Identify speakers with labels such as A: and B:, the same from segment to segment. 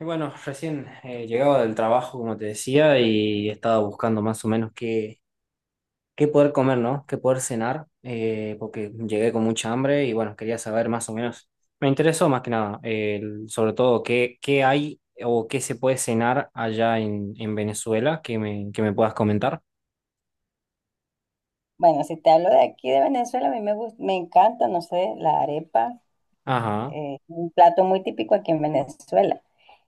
A: Y bueno, recién llegaba del trabajo, como te decía, y estaba buscando más o menos qué, qué poder comer, ¿no? Qué poder cenar, porque llegué con mucha hambre y bueno, quería saber más o menos. Me interesó más que nada, sobre todo, qué, qué hay o qué se puede cenar allá en Venezuela, que me puedas comentar.
B: Bueno, si te hablo de aquí de Venezuela, a mí me gusta, me encanta, no sé, la arepa,
A: Ajá.
B: un plato muy típico aquí en Venezuela.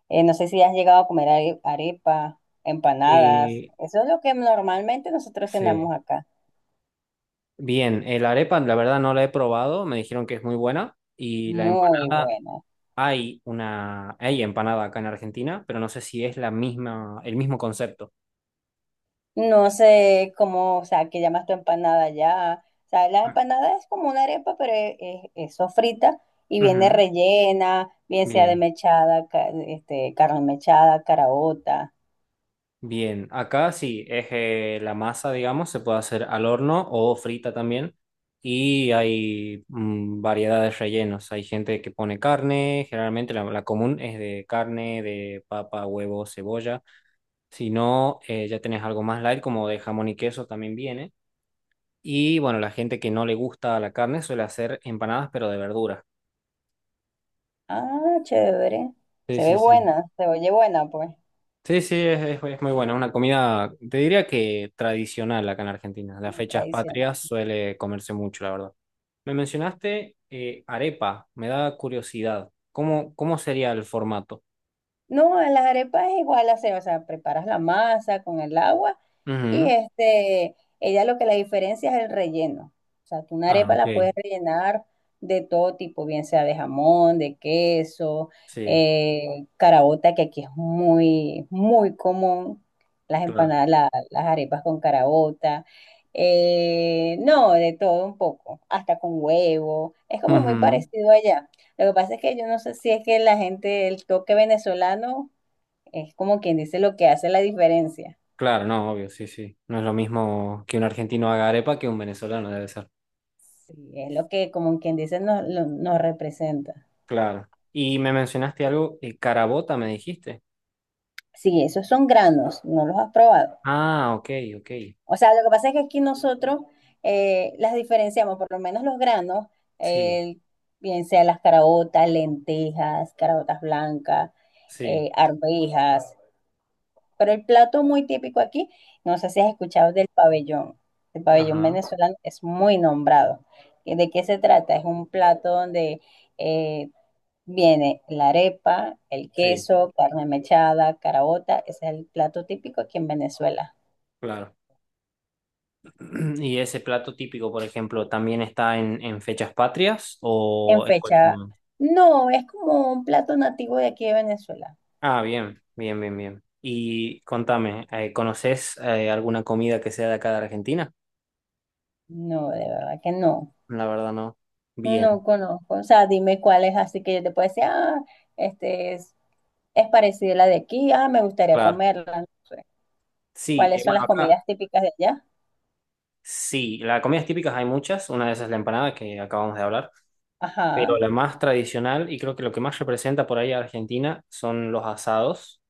B: No sé si has llegado a comer arepa, empanadas,
A: Eh,
B: eso es lo que normalmente nosotros
A: sí.
B: cenamos acá.
A: Bien, el arepa, la verdad no la he probado, me dijeron que es muy buena y la
B: Muy
A: empanada.
B: bueno.
A: Hay una, hay empanada acá en Argentina, pero no sé si es la misma, el mismo concepto.
B: No sé cómo, o sea, qué llamas tu empanada ya. O sea, la
A: Ah,
B: empanada es como una arepa, pero es sofrita y viene
A: ujú.
B: rellena, bien sea de
A: Bien,
B: mechada, este, carne mechada, caraota.
A: bien. Acá sí, es la masa, digamos, se puede hacer al horno o frita también. Y hay variedad de rellenos. Hay gente que pone carne, generalmente la, la común es de carne, de papa, huevo, cebolla. Si no, ya tenés algo más light, como de jamón y queso también viene. Y bueno, la gente que no le gusta la carne suele hacer empanadas, pero de verduras.
B: Ah, chévere.
A: Sí,
B: Se ve
A: sí, sí.
B: buena, se oye buena, pues.
A: Sí, sí, es, es muy buena. Una comida, te diría que tradicional acá en Argentina. Las fechas
B: Tradicional.
A: patrias suele comerse mucho, la verdad. Me mencionaste arepa, me da curiosidad. ¿Cómo, cómo sería el formato?
B: No, en las arepas es igual, hace, o sea, preparas la masa con el agua y
A: Ujú.
B: este, ella lo que la diferencia es el relleno. O sea, tú una
A: Ah,
B: arepa
A: ok.
B: la puedes rellenar de todo tipo, bien sea de jamón, de queso,
A: Sí,
B: caraota, que aquí es muy, muy común, las
A: claro.
B: empanadas, las arepas con caraota. No, de todo un poco, hasta con huevo. Es como muy
A: Ujú.
B: parecido allá. Lo que pasa es que yo no sé si es que la gente, el toque venezolano es como quien dice lo que hace la diferencia.
A: Claro, no, obvio, sí, sí. No es lo mismo que un argentino haga arepa que un venezolano, debe ser.
B: Sí, es lo que como quien dice nos representa.
A: Claro. Y me mencionaste algo, carabota, me dijiste.
B: Sí, esos son granos, no los has probado.
A: Ah, ok, ok.
B: O sea, lo que pasa es que aquí nosotros las diferenciamos, por lo menos los granos,
A: Sí,
B: eh, bien sea las caraotas, lentejas, caraotas blancas,
A: sí.
B: arvejas. Pero el plato muy típico aquí, no sé si has escuchado del pabellón. El pabellón
A: Ajá,
B: venezolano es muy nombrado. ¿De qué se trata? Es un plato donde eh, viene la arepa, el
A: sí.
B: queso, carne mechada, caraota. Ese es el plato típico aquí en Venezuela.
A: Claro. ¿Y ese plato típico, por ejemplo, también está en fechas patrias
B: En
A: o en cualquier
B: fecha,
A: momento?
B: no, es como un plato nativo de aquí de Venezuela.
A: Ah, bien, bien, bien, bien. Y contame, ¿conoces alguna comida que sea de acá de Argentina?
B: No, de verdad que no.
A: La verdad no. Bien,
B: No conozco. O sea, dime cuál es así que yo te puedo decir, ah, este es. Es parecida a la de aquí. Ah, me gustaría
A: claro.
B: comerla. No sé.
A: Sí,
B: ¿Cuáles son
A: bueno,
B: las
A: acá
B: comidas típicas de allá?
A: sí, las comidas típicas hay muchas, una de esas es la empanada que acabamos de hablar, pero
B: Ajá.
A: la más tradicional y creo que lo que más representa por ahí a Argentina son los asados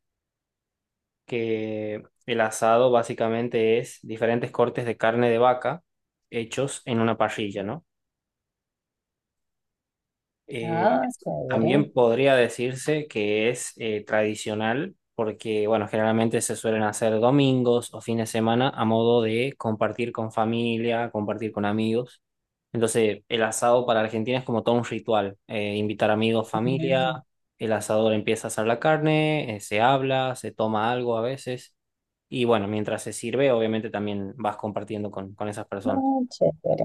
A: que el asado básicamente es diferentes cortes de carne de vaca hechos en una parrilla, ¿no? Eh,
B: Ah, chévere.
A: también podría decirse que es tradicional porque, bueno, generalmente se suelen hacer domingos o fines de semana a modo de compartir con familia, compartir con amigos. Entonces, el asado para Argentina es como todo un ritual. Invitar amigos, familia,
B: Ujú.
A: el asador empieza a asar la carne, se habla, se toma algo a veces. Y bueno, mientras se sirve, obviamente también vas compartiendo con esas personas.
B: Ah, chévere.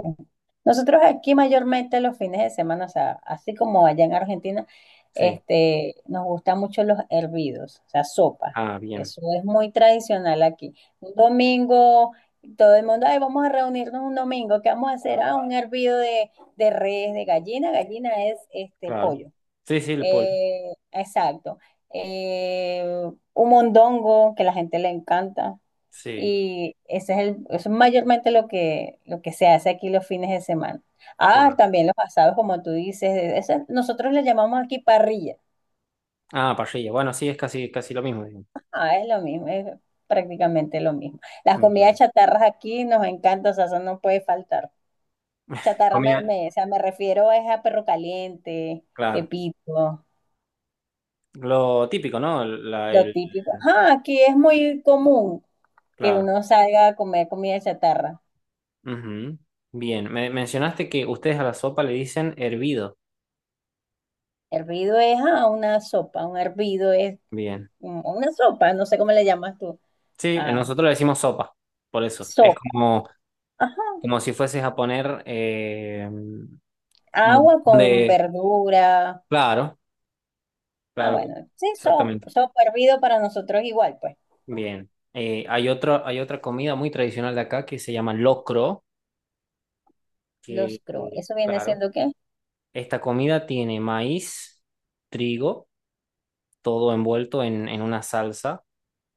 B: Nosotros aquí mayormente los fines de semana, o sea, así como allá en Argentina,
A: Sí.
B: este, nos gustan mucho los hervidos, o sea, sopa.
A: Ah, bien,
B: Eso es muy tradicional aquí. Un domingo, todo el mundo, ay, vamos a reunirnos un domingo, ¿qué vamos a hacer? Ah, un hervido de res, de gallina. Gallina es este
A: claro.
B: pollo.
A: Sí, sí, el pollo.
B: Exacto. Eh, un mondongo que la gente le encanta.
A: Sí.
B: Y ese es el, eso es mayormente lo que se hace aquí los fines de semana. Ah,
A: Claro.
B: también los asados, como tú dices. Eso nosotros le llamamos aquí parrilla.
A: Ah, parrilla. Bueno, sí, es casi, casi lo mismo. Digamos.
B: Ah, es lo mismo, es prácticamente lo mismo. Las comidas
A: Bien.
B: chatarras aquí nos encantan, o sea, eso no puede faltar. Chatarra,
A: Comida.
B: o sea, me refiero es a perro caliente,
A: Claro.
B: pepito,
A: Lo típico, ¿no? El- La,
B: lo
A: el,
B: típico. Ajá, aquí es muy común, que
A: claro.
B: uno salga a comer comida chatarra.
A: Ujú. Bien. Me mencionaste que ustedes a la sopa le dicen hervido.
B: Hervido es a una sopa, un hervido es
A: Bien.
B: una sopa, no sé cómo le llamas tú,
A: Sí,
B: a
A: nosotros le decimos sopa. Por eso. Es
B: sopa.
A: como,
B: Ajá.
A: como si fueses a poner un montón
B: Agua con
A: de.
B: verdura.
A: Claro,
B: Ah,
A: claro.
B: bueno, sí,
A: Exactamente.
B: sopa, sopa hervido para nosotros igual, pues.
A: Bien. Hay otro, hay otra comida muy tradicional de acá que se llama locro,
B: Los
A: que,
B: cru, ¿eso viene
A: claro.
B: siendo qué?
A: Esta comida tiene maíz, trigo, todo envuelto en una salsa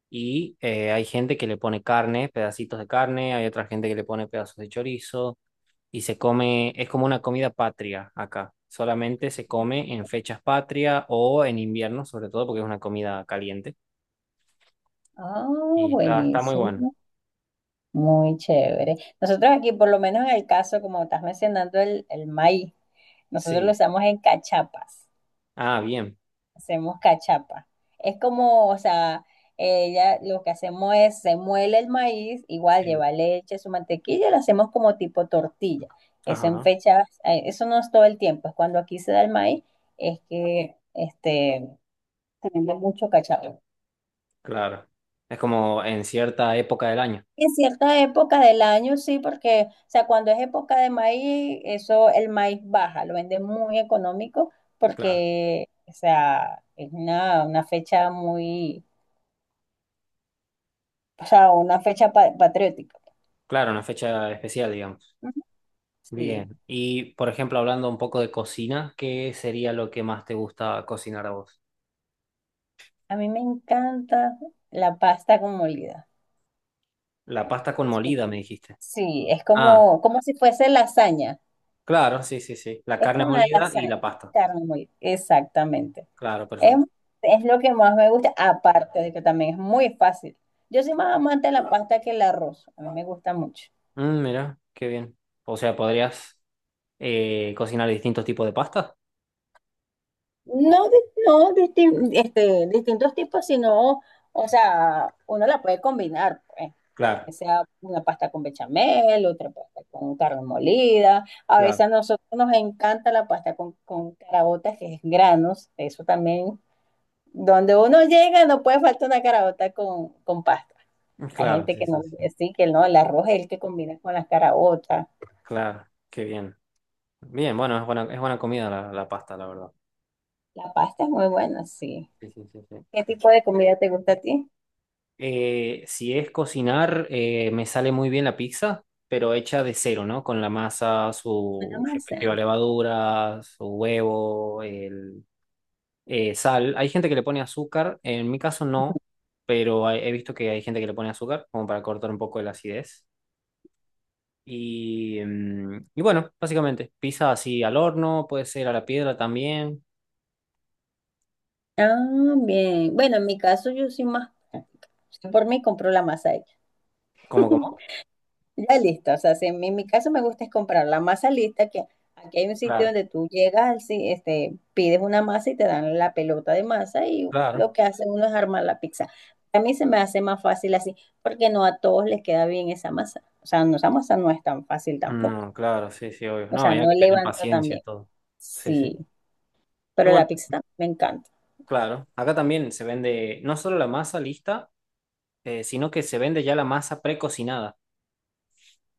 A: y hay gente que le pone carne, pedacitos de carne, hay otra gente que le pone pedazos de chorizo y se come, es como una comida patria acá. Solamente se come en fechas patria o en invierno, sobre todo porque es una comida caliente
B: Ah,
A: y está, está muy bueno.
B: buenísimo. Muy chévere. Nosotros aquí, por lo menos en el caso, como estás mencionando, el maíz, nosotros lo
A: Sí.
B: usamos en cachapas.
A: Ah, bien.
B: Hacemos cachapa. Es como, o sea, ella lo que hacemos es se muele el maíz, igual
A: Sí.
B: lleva leche, su mantequilla, lo hacemos como tipo tortilla. Eso en
A: Ajá,
B: fechas, eso no es todo el tiempo, es cuando aquí se da el maíz, es que este, se vende mucho cachapa.
A: claro. Es como en cierta época del año.
B: En cierta época del año, sí, porque, o sea, cuando es época de maíz, eso, el maíz baja, lo venden muy económico
A: Claro.
B: porque, o sea, es una fecha muy, o sea, una fecha patriótica.
A: Claro, una fecha especial, digamos.
B: Ujú. Sí,
A: Bien. Y, por ejemplo, hablando un poco de cocina, ¿qué sería lo que más te gusta cocinar a vos?
B: a mí me encanta la pasta con molida.
A: La pasta con
B: Sí,
A: molida, me dijiste.
B: sí, es
A: Ah,
B: como, como si fuese lasaña.
A: claro, sí, sí, sí. La
B: Es
A: carne
B: una
A: molida y
B: lasaña,
A: la pasta.
B: carne molida. Exactamente.
A: Claro,
B: Es,
A: perfecto.
B: es lo que más me gusta, aparte de que también es muy fácil. Yo soy más amante de la pasta que el arroz. A mí me gusta mucho.
A: Mm, mira, qué bien. O sea, ¿podrías cocinar distintos tipos de pasta?
B: No, no este, distintos tipos, sino, o sea, uno la puede combinar, pues.
A: Claro,
B: Que sea una pasta con bechamel, otra pasta con carne molida. A veces
A: claro,
B: a nosotros nos encanta la pasta con caraotas que es granos, eso también. Donde uno llega no puede faltar una caraota con pasta. Hay
A: claro,
B: gente
A: sí,
B: que
A: sí,
B: no,
A: sí.
B: sí, que no, el arroz es el que combina con las caraotas.
A: Claro, qué bien. Bien, bueno, es buena comida la, la pasta, la verdad.
B: La pasta es muy buena, sí.
A: Sí, sí, sí, sí.
B: ¿Qué tipo de comida te gusta a ti?
A: Si es cocinar, me sale muy bien la pizza, pero hecha de cero, ¿no? Con la masa,
B: La
A: su
B: masa.
A: respectiva levadura, su huevo, el, sal. Hay gente que le pone azúcar, en mi caso no, pero he visto que hay gente que le pone azúcar, como para cortar un poco de la acidez. Y, y bueno, básicamente, pizza así al horno, puede ser a la piedra también.
B: Ah, bien. Bueno, en mi caso yo soy más práctica. Por mí compro la masa hecha.
A: ¿Cómo, cómo?
B: Ya lista, o sea, si en mi, en mi caso me gusta es comprar la masa lista, que aquí hay un sitio
A: Claro,
B: donde tú llegas, al este, pides una masa y te dan la pelota de masa y
A: claro.
B: lo que hace uno es armar la pizza. A mí se me hace más fácil así, porque no a todos les queda bien esa masa. O sea, no, esa masa no es tan fácil tampoco.
A: No, claro, sí, sí, obvio.
B: O
A: No,
B: sea,
A: hay
B: no
A: que tener
B: levanta tan
A: paciencia y
B: bien.
A: todo. Sí, sí.
B: Sí, pero
A: Bueno,
B: la pizza también me encanta.
A: claro, acá también se vende no solo la masa lista, sino que se vende ya la masa precocinada.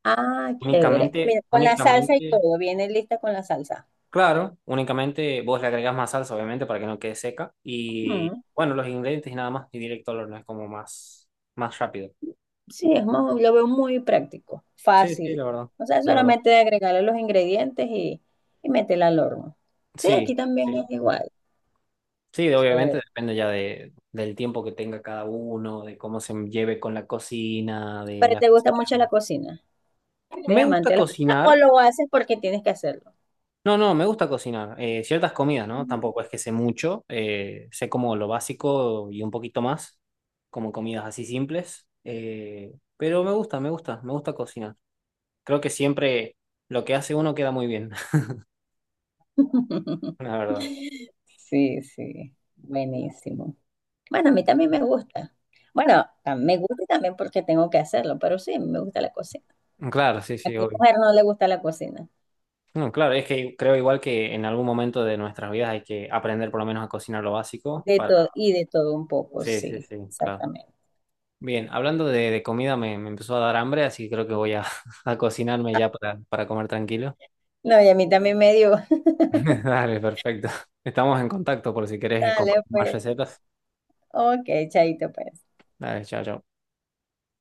B: Ah, chévere.
A: Únicamente,
B: Mira, con la salsa y
A: únicamente,
B: todo, viene lista con la salsa.
A: claro, únicamente vos le agregás más salsa, obviamente, para que no quede seca. Y
B: Mm.
A: bueno, los ingredientes y nada más, y directo al horno, es como más, más rápido.
B: Sí, es lo veo muy práctico,
A: Sí, sí, la
B: fácil.
A: verdad,
B: O sea,
A: la verdad.
B: solamente agregarle los ingredientes y meterla al horno. Sí, aquí
A: Sí,
B: también
A: sí, sí.
B: es
A: Sí,
B: igual.
A: sí, de- obviamente
B: Eh,
A: depende ya de, del tiempo que tenga cada uno, de cómo se lleve con la cocina, de
B: pero
A: las
B: te
A: cosas
B: gusta
A: que
B: mucho la
A: haga.
B: cocina. ¿Eres
A: Me
B: amante
A: gusta
B: de la cocina o
A: cocinar.
B: lo haces porque tienes que hacerlo?
A: No, no, me gusta cocinar. Ciertas comidas, ¿no? Tampoco es que sé mucho. Sé como lo básico y un poquito más, como comidas así simples. Pero me gusta, me gusta, me gusta cocinar. Creo que siempre lo que hace uno queda muy bien, la verdad.
B: Sí, sí, buenísimo. Bueno, a mí también me gusta. Bueno, me gusta también porque tengo que hacerlo, pero sí, me gusta la cocina.
A: Claro, sí,
B: ¿A
A: sí,
B: qué
A: obvio.
B: mujer no le gusta la cocina?
A: No, claro, es que creo igual que en algún momento de nuestras vidas hay que aprender por lo menos a cocinar lo básico
B: De
A: para...
B: todo y de todo un poco,
A: Sí, sí,
B: sí,
A: sí, claro.
B: exactamente.
A: Bien, hablando de comida me, me empezó a dar hambre, así que creo que voy a, a cocinarme ya para comer tranquilo.
B: No, y a mí también me dio.
A: Dale, perfecto. Estamos en contacto por si querés
B: Dale,
A: compartir más
B: pues.
A: recetas.
B: Ok, chaito, pues.
A: Dale, chao, chao.